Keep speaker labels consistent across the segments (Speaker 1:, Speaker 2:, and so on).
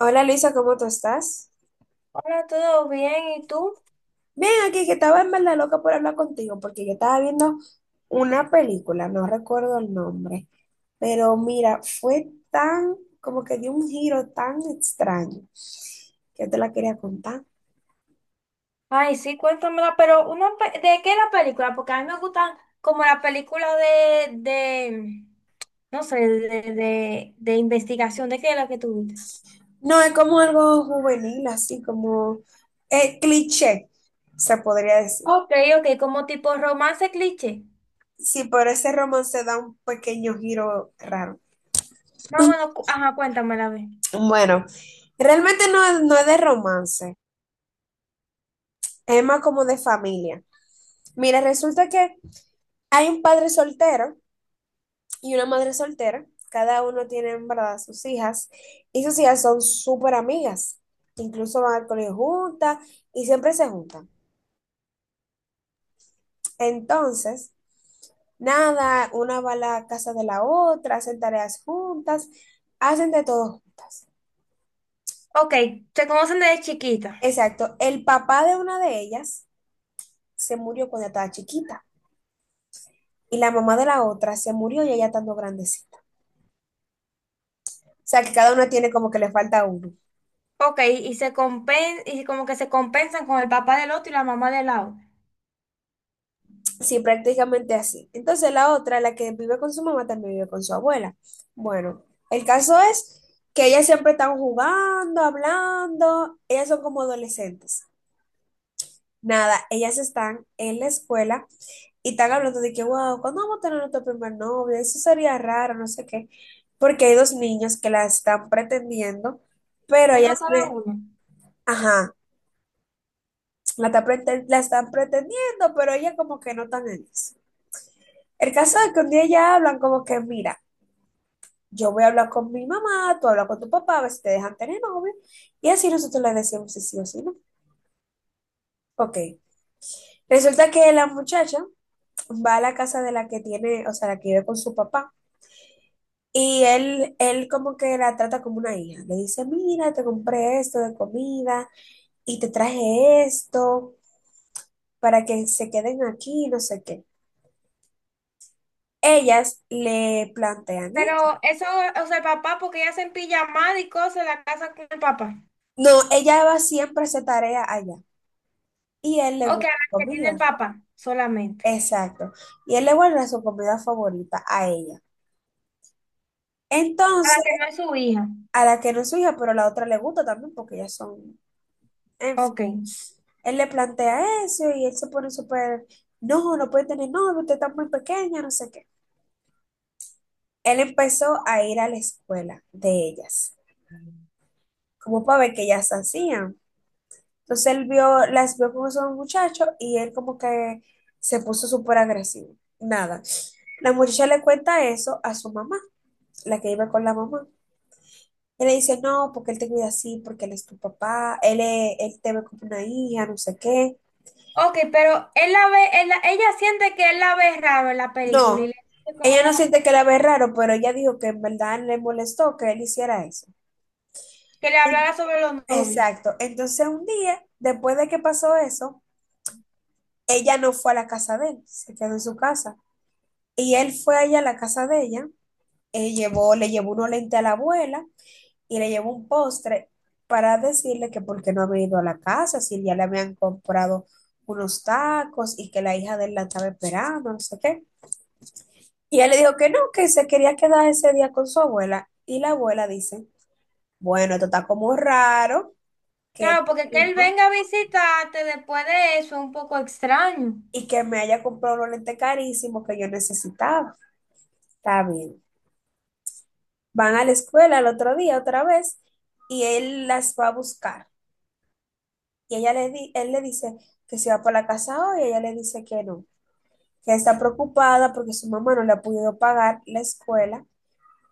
Speaker 1: Hola, Luisa, ¿cómo tú estás?
Speaker 2: Hola, ¿todo bien? ¿Y tú?
Speaker 1: Bien, aquí que estaba en verdad loca por hablar contigo, porque yo estaba viendo una película, no recuerdo el nombre, pero mira, fue tan, como que dio un giro tan extraño que yo te la quería contar.
Speaker 2: Ay, sí, cuéntamela, pero una pe- ¿de qué la película? Porque a mí me gustan como la película de no sé, de investigación, ¿de qué es la que tú viste?
Speaker 1: No, es como algo juvenil, así como cliché, se podría decir.
Speaker 2: Ok, ok, como tipo romance cliché.
Speaker 1: Sí, pero ese romance da un pequeño giro raro.
Speaker 2: Más o menos, cu- ajá, cuéntamela, a ver.
Speaker 1: Bueno, realmente no, no es de romance, es más como de familia. Mira, resulta que hay un padre soltero y una madre soltera. Cada uno tiene, en verdad, sus hijas. Y sus hijas son súper amigas. Incluso van al colegio juntas y siempre se juntan. Entonces, nada, una va a la casa de la otra, hacen tareas juntas, hacen de todo juntas.
Speaker 2: Ok, se conocen desde chiquita.
Speaker 1: Exacto. El papá de una de ellas se murió cuando estaba chiquita. Y la mamá de la otra se murió ya estando grandecita. O sea, que cada una tiene como que le falta uno.
Speaker 2: Ok, y como que se compensan con el papá del otro y la mamá del lado.
Speaker 1: Sí, prácticamente así. Entonces la otra, la que vive con su mamá, también vive con su abuela. Bueno, el caso es que ellas siempre están jugando, hablando, ellas son como adolescentes. Nada, ellas están en la escuela y están hablando de que, wow, ¿cuándo vamos a tener nuestro primer novio? Eso sería raro, no sé qué, porque hay dos niños que la están pretendiendo, pero
Speaker 2: Uno
Speaker 1: ellas
Speaker 2: cada
Speaker 1: le,
Speaker 2: uno.
Speaker 1: ajá, la, la están pretendiendo, pero ellas como que no están en eso. El caso es que un día ya hablan como que, mira, yo voy a hablar con mi mamá, tú hablas con tu papá, a ver si te dejan tener novio. Y así nosotros le decimos si sí o si no. Ok. Resulta que la muchacha va a la casa de la que tiene, o sea, la que vive con su papá. Y él como que la trata como una hija. Le dice, mira, te compré esto de comida y te traje esto para que se queden aquí, no sé qué. Ellas le plantean esto.
Speaker 2: Pero eso, o sea, el papá, porque ella se empilla mal y cosas, la casa con el papá.
Speaker 1: No, ella va siempre a hacer tarea allá y él le
Speaker 2: Ok, a
Speaker 1: gusta
Speaker 2: la
Speaker 1: la
Speaker 2: que tiene el
Speaker 1: comida.
Speaker 2: papá solamente.
Speaker 1: Exacto. Y él le guarda su comida favorita a ella.
Speaker 2: A
Speaker 1: Entonces,
Speaker 2: la que no es su hija.
Speaker 1: a la que no es su hija, pero a la otra le gusta también porque ellas son, en fin.
Speaker 2: Ok.
Speaker 1: Él le plantea eso y él se pone súper, no, no puede tener novio, usted está muy pequeña, no sé qué. Él empezó a ir a la escuela de ellas, como para ver qué ellas hacían. Entonces él vio, las vio como son muchachos y él como que se puso súper agresivo. Nada. La muchacha le cuenta eso a su mamá, la que iba con la mamá. Y le dice, no, porque él te cuida así, porque él es tu papá, él, él te ve como una hija, no sé qué.
Speaker 2: Ok, pero él la ve, él la- ella siente que él la ve raro en la película y
Speaker 1: No,
Speaker 2: le dice
Speaker 1: ella no
Speaker 2: como
Speaker 1: siente que la ve raro, pero ella dijo que en verdad le molestó que él hiciera eso.
Speaker 2: que le
Speaker 1: En-
Speaker 2: hablara sobre los novios.
Speaker 1: Exacto. Entonces un día, después de que pasó eso, ella no fue a la casa de él, se quedó en su casa. Y él fue allá a la casa de ella, llevó, le llevó unos lentes a la abuela y le llevó un postre para decirle que por qué no había ido a la casa, si ya le habían comprado unos tacos y que la hija de él la estaba esperando, no sé qué. Y él le dijo que no, que se quería quedar ese día con su abuela. Y la abuela dice, bueno, esto está como raro que
Speaker 2: Claro,
Speaker 1: este
Speaker 2: porque que él
Speaker 1: tipo-
Speaker 2: venga a visitarte después de eso es un poco extraño.
Speaker 1: y que me haya comprado unos lentes carísimos que yo necesitaba. Está bien. Van a la escuela el otro día otra vez y él las va a buscar. Y ella él le dice que se va por la casa hoy y ella le dice que no. Que está preocupada porque su mamá no le ha podido pagar la escuela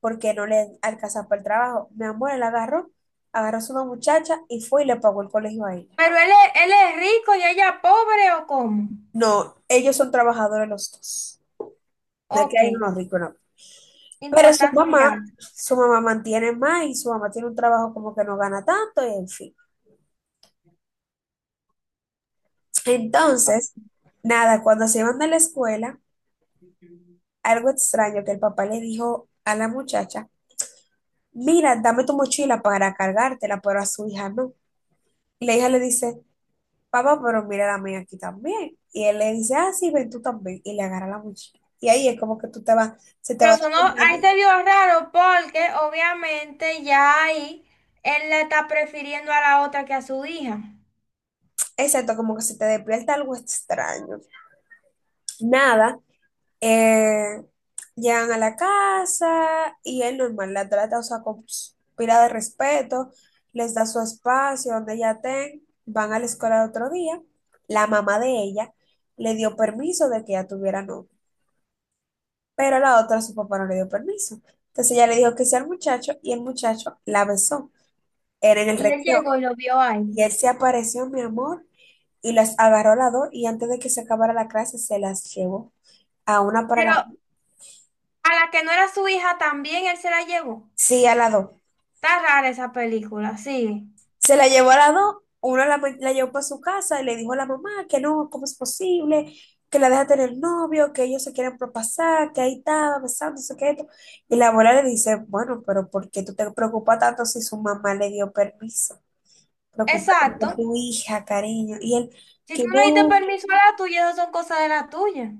Speaker 1: porque no le alcanza para el trabajo. Mi amor, agarró a su muchacha y fue y le pagó el colegio a ella.
Speaker 2: Pero él es rico y ella pobre o cómo.
Speaker 1: No, ellos son trabajadores los dos. No es que
Speaker 2: Ok,
Speaker 1: hay unos ricos, no. Pero
Speaker 2: importante el dato.
Speaker 1: su mamá mantiene más y su mamá tiene un trabajo como que no gana tanto y en fin. Entonces, nada, cuando se iban de la escuela, algo extraño que el papá le dijo a la muchacha, mira, dame tu mochila para cargártela, pero a su hija no. Y la hija le dice, papá, pero mira la mía aquí también. Y él le dice, ah, sí, ven tú también. Y le agarra la mochila. Y ahí es como que tú te vas, se te
Speaker 2: Pero
Speaker 1: va
Speaker 2: eso no, ahí
Speaker 1: despertando.
Speaker 2: se vio raro porque obviamente ya ahí él la está prefiriendo a la otra que a su hija.
Speaker 1: Exacto, como que se te despierta algo extraño. Nada, eh, llegan a la casa y él normal la trata, o sea, con pila de respeto, les da su espacio donde ella estén, van a la escuela el otro día. La mamá de ella le dio permiso de que ella tuviera novio. Pero a la otra, su papá no le dio permiso. Entonces ella le dijo que sí al muchacho y el muchacho la besó. Era en el
Speaker 2: Y él llegó
Speaker 1: recreo.
Speaker 2: y lo vio ahí.
Speaker 1: Y él se apareció, mi amor, y las agarró a las dos y antes de que se acabara la clase se las llevó. A una para
Speaker 2: Pero a
Speaker 1: la...
Speaker 2: la que no era su hija también él se la llevó.
Speaker 1: Sí, a las dos.
Speaker 2: Está rara esa película, sigue.
Speaker 1: Se la llevó a las dos, la llevó para su casa y le dijo a la mamá que no, ¿cómo es posible? Que la deja tener novio, que ellos se quieren propasar, que ahí estaba besándose, que esto. Y la abuela le dice, bueno, pero ¿por qué tú te preocupas tanto si su mamá le dio permiso? Preocúpate por
Speaker 2: Exacto.
Speaker 1: tu hija, cariño. Y él,
Speaker 2: Si tú
Speaker 1: que
Speaker 2: no le diste
Speaker 1: no.
Speaker 2: permiso a la tuya, eso son cosas de la tuya.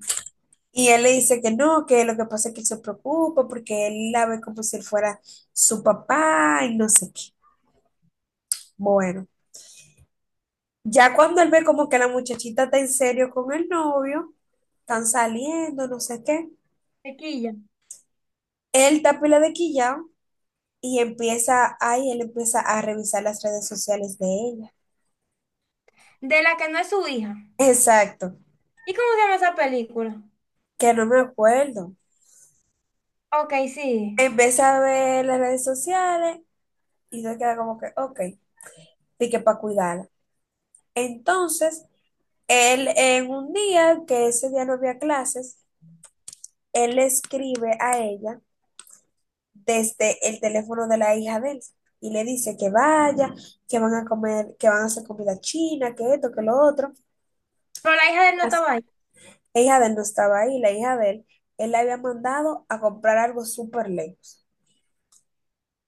Speaker 1: Y él le dice que no, que lo que pasa es que él se preocupa porque él la ve como si él fuera su papá y no sé qué. Bueno, ya cuando él ve como que la muchachita está en serio con el novio, están saliendo, no sé qué,
Speaker 2: Chiquilla.
Speaker 1: él está pila de quillao y empieza, ahí él empieza a revisar las redes sociales de ella.
Speaker 2: De la que no es su hija.
Speaker 1: Exacto,
Speaker 2: ¿Y cómo se llama esa película?
Speaker 1: que no me acuerdo.
Speaker 2: Ok, sigue.
Speaker 1: Empieza a ver las redes sociales y se queda como que, ok, de que para cuidarla. Entonces, él en un día que ese día no había clases, él le escribe a ella desde el teléfono de la hija de él y le dice que vaya, que van a comer, que van a hacer comida china, que esto, que lo otro.
Speaker 2: Pero la hija de él no estaba ahí.
Speaker 1: La hija de él no estaba ahí, la hija de él, él la había mandado a comprar algo súper lejos.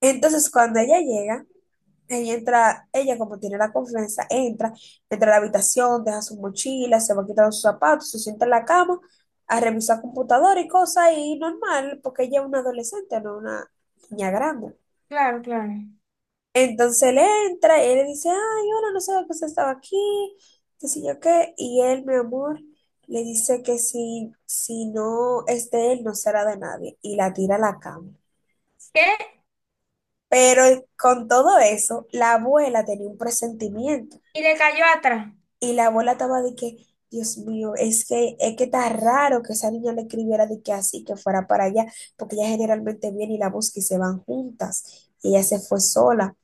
Speaker 1: Entonces, cuando ella llega, ella entra, ella como tiene la confianza, entra, entra a la habitación, deja su mochila, se va quitando sus zapatos, se sienta en la cama a revisar computadora y cosas y normal, porque ella es una adolescente, no una niña grande.
Speaker 2: Claro, claro.
Speaker 1: Entonces él entra y él le dice, ay, hola, no sabía que usted estaba aquí, qué sé yo qué, y él, mi amor, le dice que si no es de él, no será de nadie, y la tira a la cama.
Speaker 2: ¿Qué?
Speaker 1: Pero con todo eso, la abuela tenía un presentimiento.
Speaker 2: Y le cayó atrás.
Speaker 1: Y la abuela estaba de que, Dios mío, es que está raro que esa niña le escribiera de que así, que fuera para allá, porque ella generalmente viene y la busca y se van juntas. Y ella se fue sola.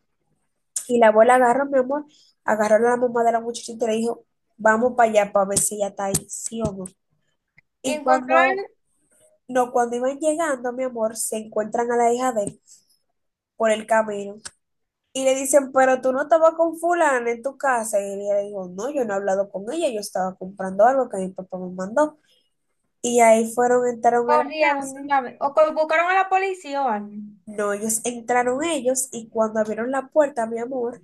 Speaker 1: Y la abuela agarró, mi amor, agarró a la mamá de la muchachita y le dijo, vamos para allá para ver si ella está ahí, sí o no.
Speaker 2: Y
Speaker 1: Y
Speaker 2: encontró
Speaker 1: cuando,
Speaker 2: al...
Speaker 1: no, cuando iban llegando, mi amor, se encuentran a la hija de él por el camino. Y le dicen, pero tú no estabas con fulana en tu casa. Y ella le dijo, no, yo no he hablado con ella, yo estaba comprando algo que mi papá me mandó. Y ahí fueron, entraron a la
Speaker 2: Corrieron
Speaker 1: casa.
Speaker 2: de una vez. O co- buscaron a la policía o algo.
Speaker 1: No, ellos entraron ellos y cuando abrieron la puerta, mi amor,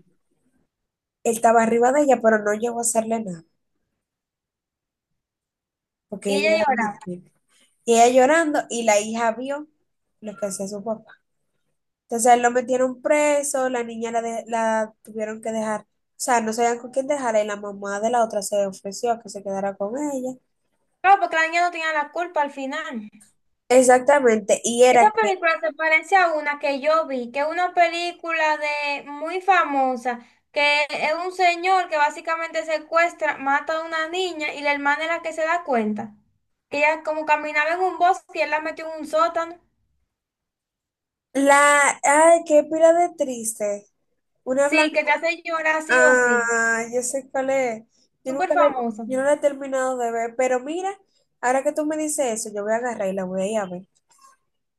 Speaker 1: él estaba arriba de ella, pero no llegó a hacerle nada,
Speaker 2: Y
Speaker 1: porque ella
Speaker 2: ella
Speaker 1: era muy
Speaker 2: lloraba.
Speaker 1: débil. Y ella llorando y la hija vio lo que hacía su papá. Entonces él lo metieron preso, la niña la, la tuvieron que dejar, o sea, no sabían con quién dejarla y la mamá de la otra se ofreció a que se quedara con ella.
Speaker 2: Claro, porque la niña no tenía la culpa al final.
Speaker 1: Exactamente, y era
Speaker 2: Esta
Speaker 1: que
Speaker 2: película se parece a una que yo vi, que es una película de muy famosa, que es un señor que básicamente secuestra, mata a una niña y la hermana es la que se da cuenta. Que ella como caminaba en un bosque y él la metió en un sótano.
Speaker 1: la, ay, qué pila de triste. Una
Speaker 2: Sí,
Speaker 1: blanca.
Speaker 2: que te hace llorar sí o sí.
Speaker 1: Ah, yo sé cuál es. Yo
Speaker 2: Súper
Speaker 1: nunca la,
Speaker 2: famosa.
Speaker 1: yo no la he terminado de ver, pero mira, ahora que tú me dices eso, yo voy a agarrar y la voy a ir a ver.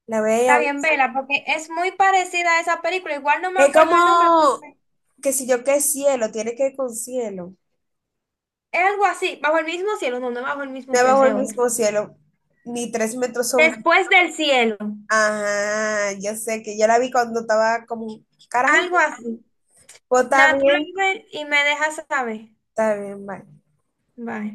Speaker 1: La voy a ir a
Speaker 2: Está
Speaker 1: ver.
Speaker 2: bien, vela, porque es muy parecida a esa película. Igual no me
Speaker 1: Es
Speaker 2: acuerdo el nombre,
Speaker 1: como
Speaker 2: pero
Speaker 1: que si yo qué cielo, tiene que ir con cielo.
Speaker 2: es algo así. Bajo el mismo cielo, no, no es bajo el mismo cielo,
Speaker 1: Debajo
Speaker 2: ese
Speaker 1: del
Speaker 2: es otro.
Speaker 1: mismo cielo, ni 3 metros sobre.
Speaker 2: Después del cielo.
Speaker 1: Ajá, yo sé que yo la vi cuando estaba como carajito.
Speaker 2: Algo así.
Speaker 1: Pues
Speaker 2: Natural y me dejas saber.
Speaker 1: está bien, bye.
Speaker 2: Bye.